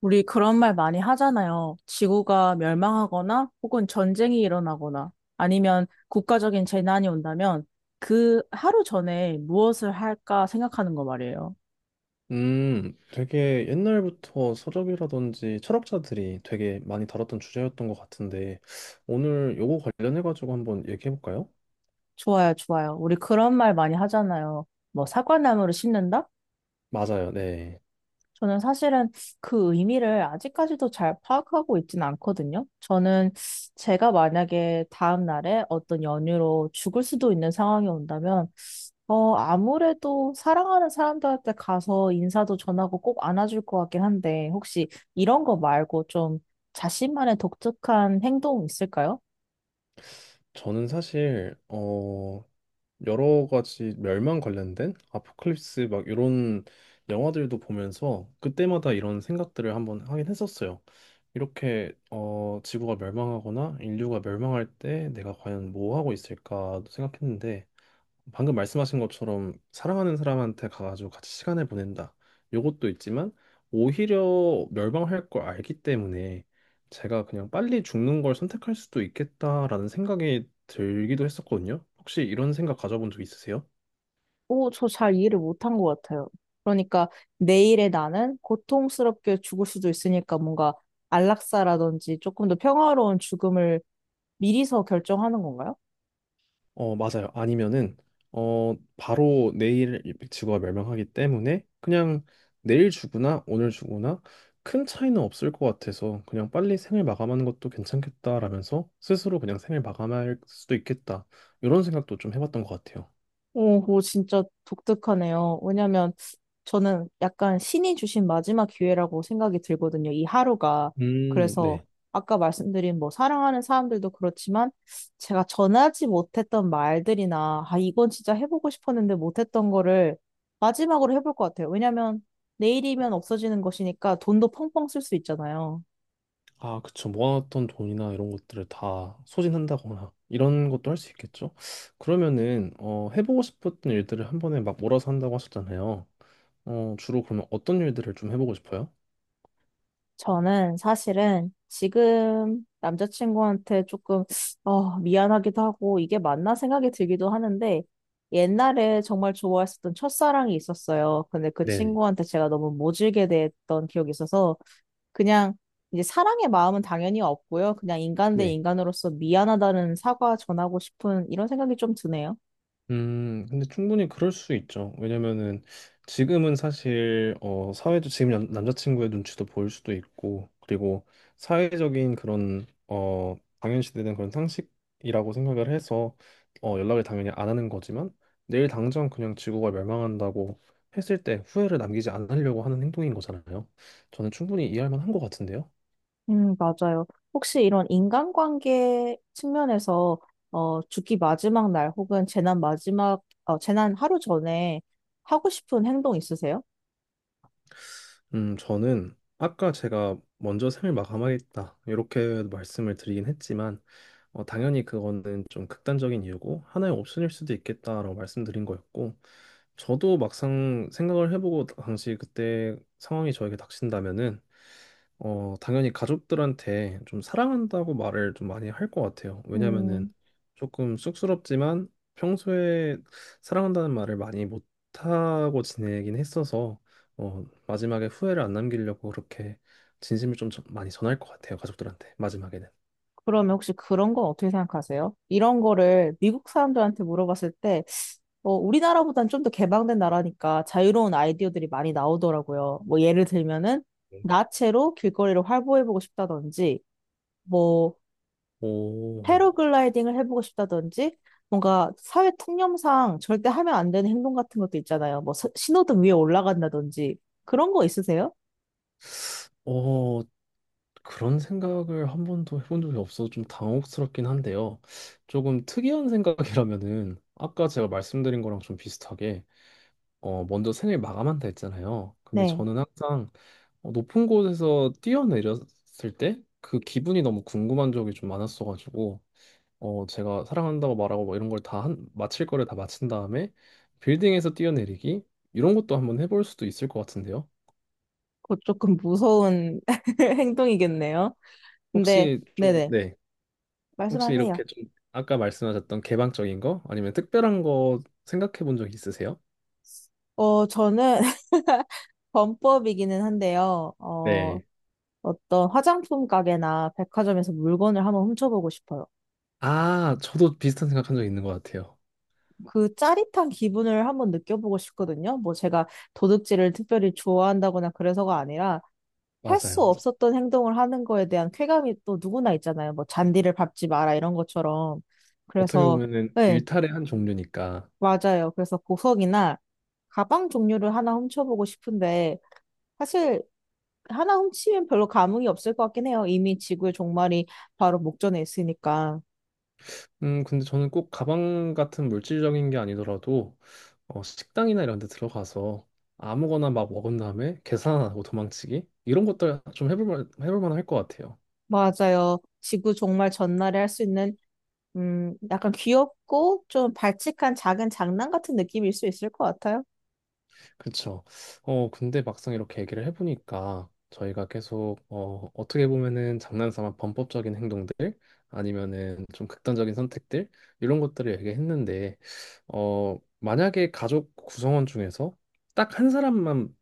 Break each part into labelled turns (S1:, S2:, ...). S1: 우리 그런 말 많이 하잖아요. 지구가 멸망하거나 혹은 전쟁이 일어나거나 아니면 국가적인 재난이 온다면 그 하루 전에 무엇을 할까 생각하는 거 말이에요.
S2: 되게 옛날부터 서적이라든지 철학자들이 되게 많이 다뤘던 주제였던 것 같은데, 오늘 요거 관련해가지고 한번 얘기해볼까요?
S1: 좋아요, 좋아요. 우리 그런 말 많이 하잖아요. 뭐 사과나무를 심는다?
S2: 맞아요, 네.
S1: 저는 사실은 그 의미를 아직까지도 잘 파악하고 있지는 않거든요. 저는 제가 만약에 다음 날에 어떤 연유로 죽을 수도 있는 상황이 온다면 아무래도 사랑하는 사람들한테 가서 인사도 전하고 꼭 안아줄 것 같긴 한데, 혹시 이런 거 말고 좀 자신만의 독특한 행동 있을까요?
S2: 저는 사실, 여러 가지 멸망 관련된 아포칼립스 막 이런 영화들도 보면서 그때마다 이런 생각들을 한번 하긴 했었어요. 이렇게, 지구가 멸망하거나 인류가 멸망할 때 내가 과연 뭐 하고 있을까 생각했는데, 방금 말씀하신 것처럼 사랑하는 사람한테 가가지고 같이 시간을 보낸다. 요것도 있지만 오히려 멸망할 걸 알기 때문에 제가 그냥 빨리 죽는 걸 선택할 수도 있겠다라는 생각이 들기도 했었거든요. 혹시 이런 생각 가져본 적 있으세요?
S1: 오, 저 잘 이해를 못한 것 같아요. 그러니까 내일의 나는 고통스럽게 죽을 수도 있으니까 뭔가 안락사라든지 조금 더 평화로운 죽음을 미리서 결정하는 건가요?
S2: 맞아요. 아니면은, 바로 내일 주가 멸망하기 때문에 그냥 내일 주거나 오늘 주거나 큰 차이는 없을 것 같아서 그냥 빨리 생을 마감하는 것도 괜찮겠다라면서 스스로 그냥 생을 마감할 수도 있겠다. 이런 생각도 좀 해봤던 것 같아요.
S1: 오, 그거 진짜 독특하네요. 왜냐면 저는 약간 신이 주신 마지막 기회라고 생각이 들거든요. 이 하루가. 그래서
S2: 네.
S1: 아까 말씀드린 뭐 사랑하는 사람들도 그렇지만 제가 전하지 못했던 말들이나 아, 이건 진짜 해보고 싶었는데 못했던 거를 마지막으로 해볼 것 같아요. 왜냐면 내일이면 없어지는 것이니까 돈도 펑펑 쓸 수 있잖아요.
S2: 아, 그쵸. 모아놨던 돈이나 이런 것들을 다 소진한다거나 이런 것도 할 수 있겠죠. 그러면은 해보고 싶었던 일들을 한 번에 막 몰아서 한다고 하셨잖아요. 주로 그러면 어떤 일들을 좀 해보고 싶어요?
S1: 저는 사실은 지금 남자친구한테 조금 미안하기도 하고 이게 맞나 생각이 들기도 하는데 옛날에 정말 좋아했었던 첫사랑이 있었어요. 근데 그
S2: 네.
S1: 친구한테 제가 너무 모질게 대했던 기억이 있어서 그냥 이제 사랑의 마음은 당연히 없고요. 그냥 인간 대
S2: 네.
S1: 인간으로서 미안하다는 사과 전하고 싶은 이런 생각이 좀 드네요.
S2: 근데 충분히 그럴 수 있죠. 왜냐면은 지금은 사실 사회적 지금 남자친구의 눈치도 보일 수도 있고 그리고 사회적인 그런 당연시되는 그런 상식이라고 생각을 해서 연락을 당연히 안 하는 거지만 내일 당장 그냥 지구가 멸망한다고 했을 때 후회를 남기지 않으려고 하는 행동인 거잖아요. 저는 충분히 이해할 만한 것 같은데요.
S1: 맞아요. 혹시 이런 인간관계 측면에서 죽기 마지막 날 혹은 재난 마지막, 재난 하루 전에 하고 싶은 행동 있으세요?
S2: 저는 아까 제가 먼저 생을 마감하겠다 이렇게 말씀을 드리긴 했지만 당연히 그거는 좀 극단적인 이유고 하나의 옵션일 수도 있겠다라고 말씀드린 거였고 저도 막상 생각을 해보고 당시 그때 상황이 저에게 닥친다면은 당연히 가족들한테 좀 사랑한다고 말을 좀 많이 할 것 같아요. 왜냐면은
S1: 음,
S2: 조금 쑥스럽지만 평소에 사랑한다는 말을 많이 못하고 지내긴 했어서 마지막에 후회를 안 남기려고 그렇게 진심을 많이 전할 것 같아요. 가족들한테 마지막에는.
S1: 그러면 혹시 그런 건 어떻게 생각하세요? 이런 거를 미국 사람들한테 물어봤을 때, 우리나라보단 좀 더 개방된 나라니까 자유로운 아이디어들이 많이 나오더라고요. 뭐 예를 들면은 나체로 길거리를 활보해보고 싶다든지, 뭐
S2: 오,
S1: 패러글라이딩을 해보고 싶다든지 뭔가 사회 통념상 절대 하면 안 되는 행동 같은 것도 있잖아요. 뭐 신호등 위에 올라간다든지 그런 거 있으세요?
S2: 어, 그런 생각을 한 번도 해본 적이 없어서 좀 당혹스럽긴 한데요. 조금 특이한 생각이라면은 아까 제가 말씀드린 거랑 좀 비슷하게 먼저 생을 마감한다 했잖아요. 근데
S1: 네.
S2: 저는 항상 높은 곳에서 뛰어내렸을 때 그 기분이 너무 궁금한 적이 좀 많았어가지고 제가 사랑한다고 말하고 뭐 이런 걸 마칠 거를 다 마친 다음에 빌딩에서 뛰어내리기 이런 것도 한번 해볼 수도 있을 것 같은데요.
S1: 그거 조금 무서운 행동이겠네요. 근데
S2: 혹시 좀,
S1: 네네.
S2: 네. 혹시
S1: 말씀하세요.
S2: 이렇게 좀 아까 말씀하셨던 개방적인 거 아니면 특별한 거 생각해 본 적 있으세요?
S1: 저는 범법이기는 한데요.
S2: 네.
S1: 어떤 화장품 가게나 백화점에서 물건을 한번 훔쳐보고 싶어요.
S2: 아, 저도 비슷한 생각한 적 있는 것 같아요.
S1: 그 짜릿한 기분을 한번 느껴보고 싶거든요. 뭐 제가 도둑질을 특별히 좋아한다거나 그래서가 아니라 할
S2: 맞아요,
S1: 수
S2: 맞아요.
S1: 없었던 행동을 하는 거에 대한 쾌감이 또 누구나 있잖아요. 뭐 잔디를 밟지 마라 이런 것처럼.
S2: 어떻게
S1: 그래서
S2: 보면은
S1: 네,
S2: 일탈의 한 종류니까.
S1: 맞아요. 그래서 보석이나 가방 종류를 하나 훔쳐보고 싶은데 사실 하나 훔치면 별로 감흥이 없을 것 같긴 해요. 이미 지구의 종말이 바로 목전에 있으니까.
S2: 근데 저는 꼭 가방 같은 물질적인 게 아니더라도 식당이나 이런 데 들어가서 아무거나 막 먹은 다음에 계산 안 하고 도망치기 이런 것들 좀 해볼 만할 것 같아요.
S1: 맞아요. 지구 종말 전날에 할 수 있는 약간 귀엽고 좀 발칙한 작은 장난 같은 느낌일 수 있을 것 같아요.
S2: 그쵸. 근데 막상 이렇게 얘기를 해보니까 저희가 계속 어떻게 보면은 장난삼아 범법적인 행동들 아니면은 좀 극단적인 선택들 이런 것들을 얘기했는데 만약에 가족 구성원 중에서 딱 한 사람만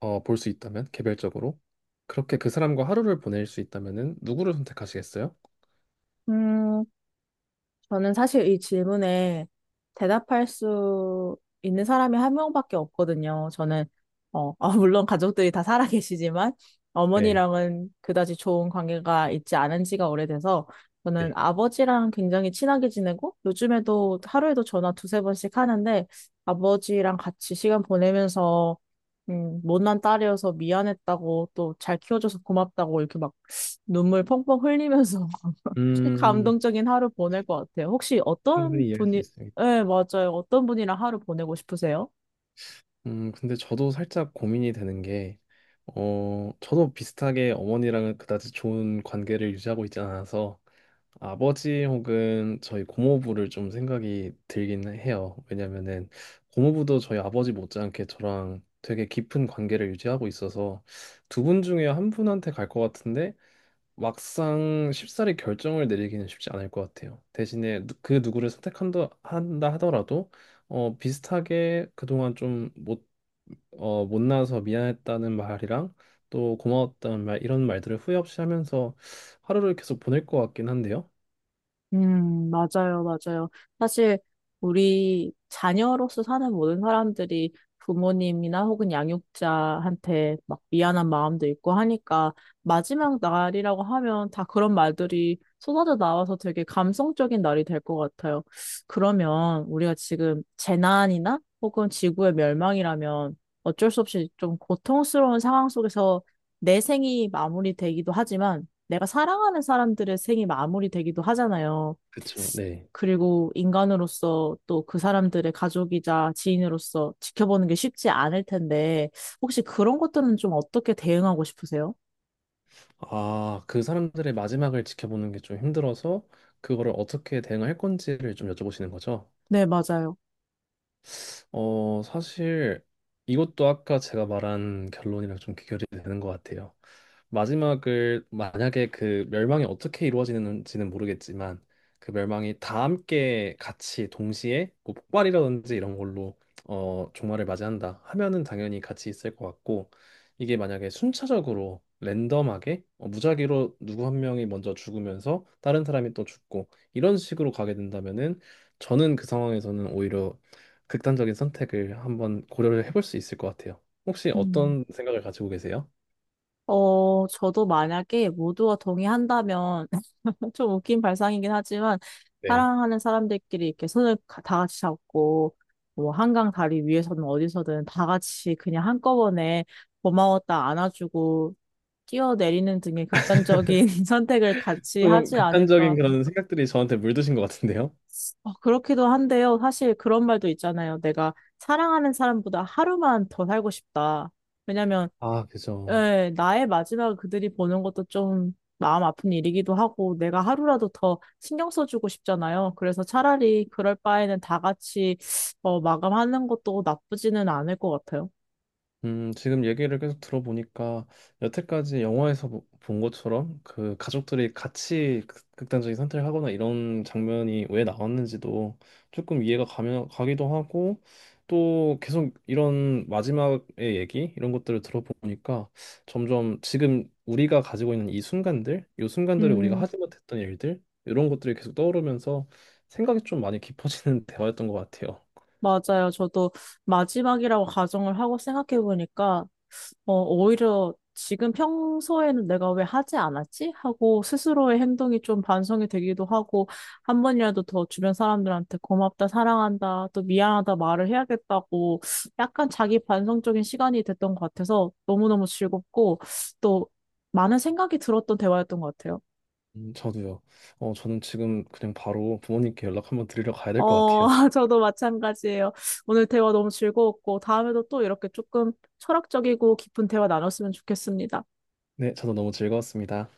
S2: 볼 수 있다면 개별적으로 그렇게 그 사람과 하루를 보낼 수 있다면은 누구를 선택하시겠어요?
S1: 음, 저는 사실 이 질문에 대답할 수 있는 사람이 한 명밖에 없거든요. 저는, 물론 가족들이 다 살아 계시지만,
S2: 네,
S1: 어머니랑은 그다지 좋은 관계가 있지 않은 지가 오래돼서, 저는
S2: 네.
S1: 아버지랑 굉장히 친하게 지내고, 요즘에도 하루에도 전화 두세 번씩 하는데, 아버지랑 같이 시간 보내면서, 못난 딸이어서 미안했다고, 또 잘 키워줘서 고맙다고, 이렇게 막 눈물 펑펑 흘리면서
S2: 음,
S1: 감동적인 하루 보낼 것 같아요. 혹시 어떤
S2: 충분히 이해할 수
S1: 분이,
S2: 있어요.
S1: 네, 맞아요. 어떤 분이랑 하루 보내고 싶으세요?
S2: 근데 저도 살짝 고민이 되는 게, 저도 비슷하게 어머니랑은 그다지 좋은 관계를 유지하고 있지 않아서 아버지 혹은 저희 고모부를 좀 생각이 들긴 해요. 왜냐면은 고모부도 저희 아버지 못지않게 저랑 되게 깊은 관계를 유지하고 있어서 두 분 중에 한 분한테 갈 것 같은데 막상 쉽사리 결정을 내리기는 쉽지 않을 것 같아요. 대신에 그 누구를 선택한다 한다 하더라도 비슷하게 그동안 좀못 못나서 미안했다는 말이랑 또 고마웠다는 말 이런 말들을 후회 없이 하면서 하루를 계속 보낼 것 같긴 한데요.
S1: 맞아요, 맞아요. 사실 우리 자녀로서 사는 모든 사람들이 부모님이나 혹은 양육자한테 막 미안한 마음도 있고 하니까 마지막 날이라고 하면 다 그런 말들이 쏟아져 나와서 되게 감성적인 날이 될 것 같아요. 그러면 우리가 지금 재난이나 혹은 지구의 멸망이라면 어쩔 수 없이 좀 고통스러운 상황 속에서 내 생이 마무리되기도 하지만 내가 사랑하는 사람들의 생이 마무리되기도 하잖아요.
S2: 그쵸, 네.
S1: 그리고 인간으로서 또 그 사람들의 가족이자 지인으로서 지켜보는 게 쉽지 않을 텐데, 혹시 그런 것들은 좀 어떻게 대응하고 싶으세요?
S2: 아, 그 사람들의 마지막을 지켜보는 게 좀 힘들어서 그거를 어떻게 대응할 건지를 좀 여쭤보시는 거죠?
S1: 네, 맞아요.
S2: 사실 이것도 아까 제가 말한 결론이랑 좀 귀결이 되는 것 같아요. 마지막을 만약에 그 멸망이 어떻게 이루어지는지는 모르겠지만 그 멸망이 다 함께 같이 동시에 뭐 폭발이라든지 이런 걸로 종말을 맞이한다 하면은 당연히 같이 있을 것 같고 이게 만약에 순차적으로 랜덤하게 무작위로 누구 한 명이 먼저 죽으면서 다른 사람이 또 죽고 이런 식으로 가게 된다면은 저는 그 상황에서는 오히려 극단적인 선택을 한번 고려를 해볼 수 있을 것 같아요. 혹시
S1: 음.
S2: 어떤 생각을 가지고 계세요?
S1: 저도 만약에 모두가 동의한다면, 뭐 좀 웃긴 발상이긴 하지만
S2: 네.
S1: 사랑하는 사람들끼리 이렇게 손을 다 같이 잡고 뭐 한강 다리 위에서든 어디서든 다 같이 그냥 한꺼번에 고마웠다 안아주고 뛰어내리는 등의 극단적인 선택을 같이
S2: 조금
S1: 하지
S2: 극단적인
S1: 않을까.
S2: 그런 생각들이 저한테 물드신 것 같은데요?
S1: 그렇기도 한데요. 사실 그런 말도 있잖아요. 내가 사랑하는 사람보다 하루만 더 살고 싶다. 왜냐면
S2: 아, 그죠.
S1: 예, 나의 마지막을 그들이 보는 것도 좀 마음 아픈 일이기도 하고, 내가 하루라도 더 신경 써주고 싶잖아요. 그래서 차라리 그럴 바에는 다 같이 마감하는 것도 나쁘지는 않을 것 같아요.
S2: 지금 얘기를 계속 들어보니까 여태까지 영화에서 본 것처럼 그 가족들이 같이 극단적인 선택을 하거나 이런 장면이 왜 나왔는지도 조금 이해가 가면 가기도 하고 또 계속 이런 마지막의 얘기 이런 것들을 들어보니까 점점 지금 우리가 가지고 있는 이 순간들, 이 순간들을 우리가
S1: 음,
S2: 하지 못했던 일들 이런 것들이 계속 떠오르면서 생각이 좀 많이 깊어지는 대화였던 것 같아요.
S1: 맞아요. 저도 마지막이라고 가정을 하고 생각해보니까 오히려 지금 평소에는 내가 왜 하지 않았지? 하고 스스로의 행동이 좀 반성이 되기도 하고 한 번이라도 더 주변 사람들한테 고맙다, 사랑한다, 또 미안하다 말을 해야겠다고 약간 자기 반성적인 시간이 됐던 것 같아서 너무너무 즐겁고 또 많은 생각이 들었던 대화였던 것 같아요.
S2: 저도요. 저는 지금 그냥 바로 부모님께 연락 한번 드리러 가야 될 것
S1: 어,
S2: 같아요.
S1: 저도 마찬가지예요. 오늘 대화 너무 즐거웠고 다음에도 또 이렇게 조금 철학적이고 깊은 대화 나눴으면 좋겠습니다.
S2: 네, 저도 너무 즐거웠습니다.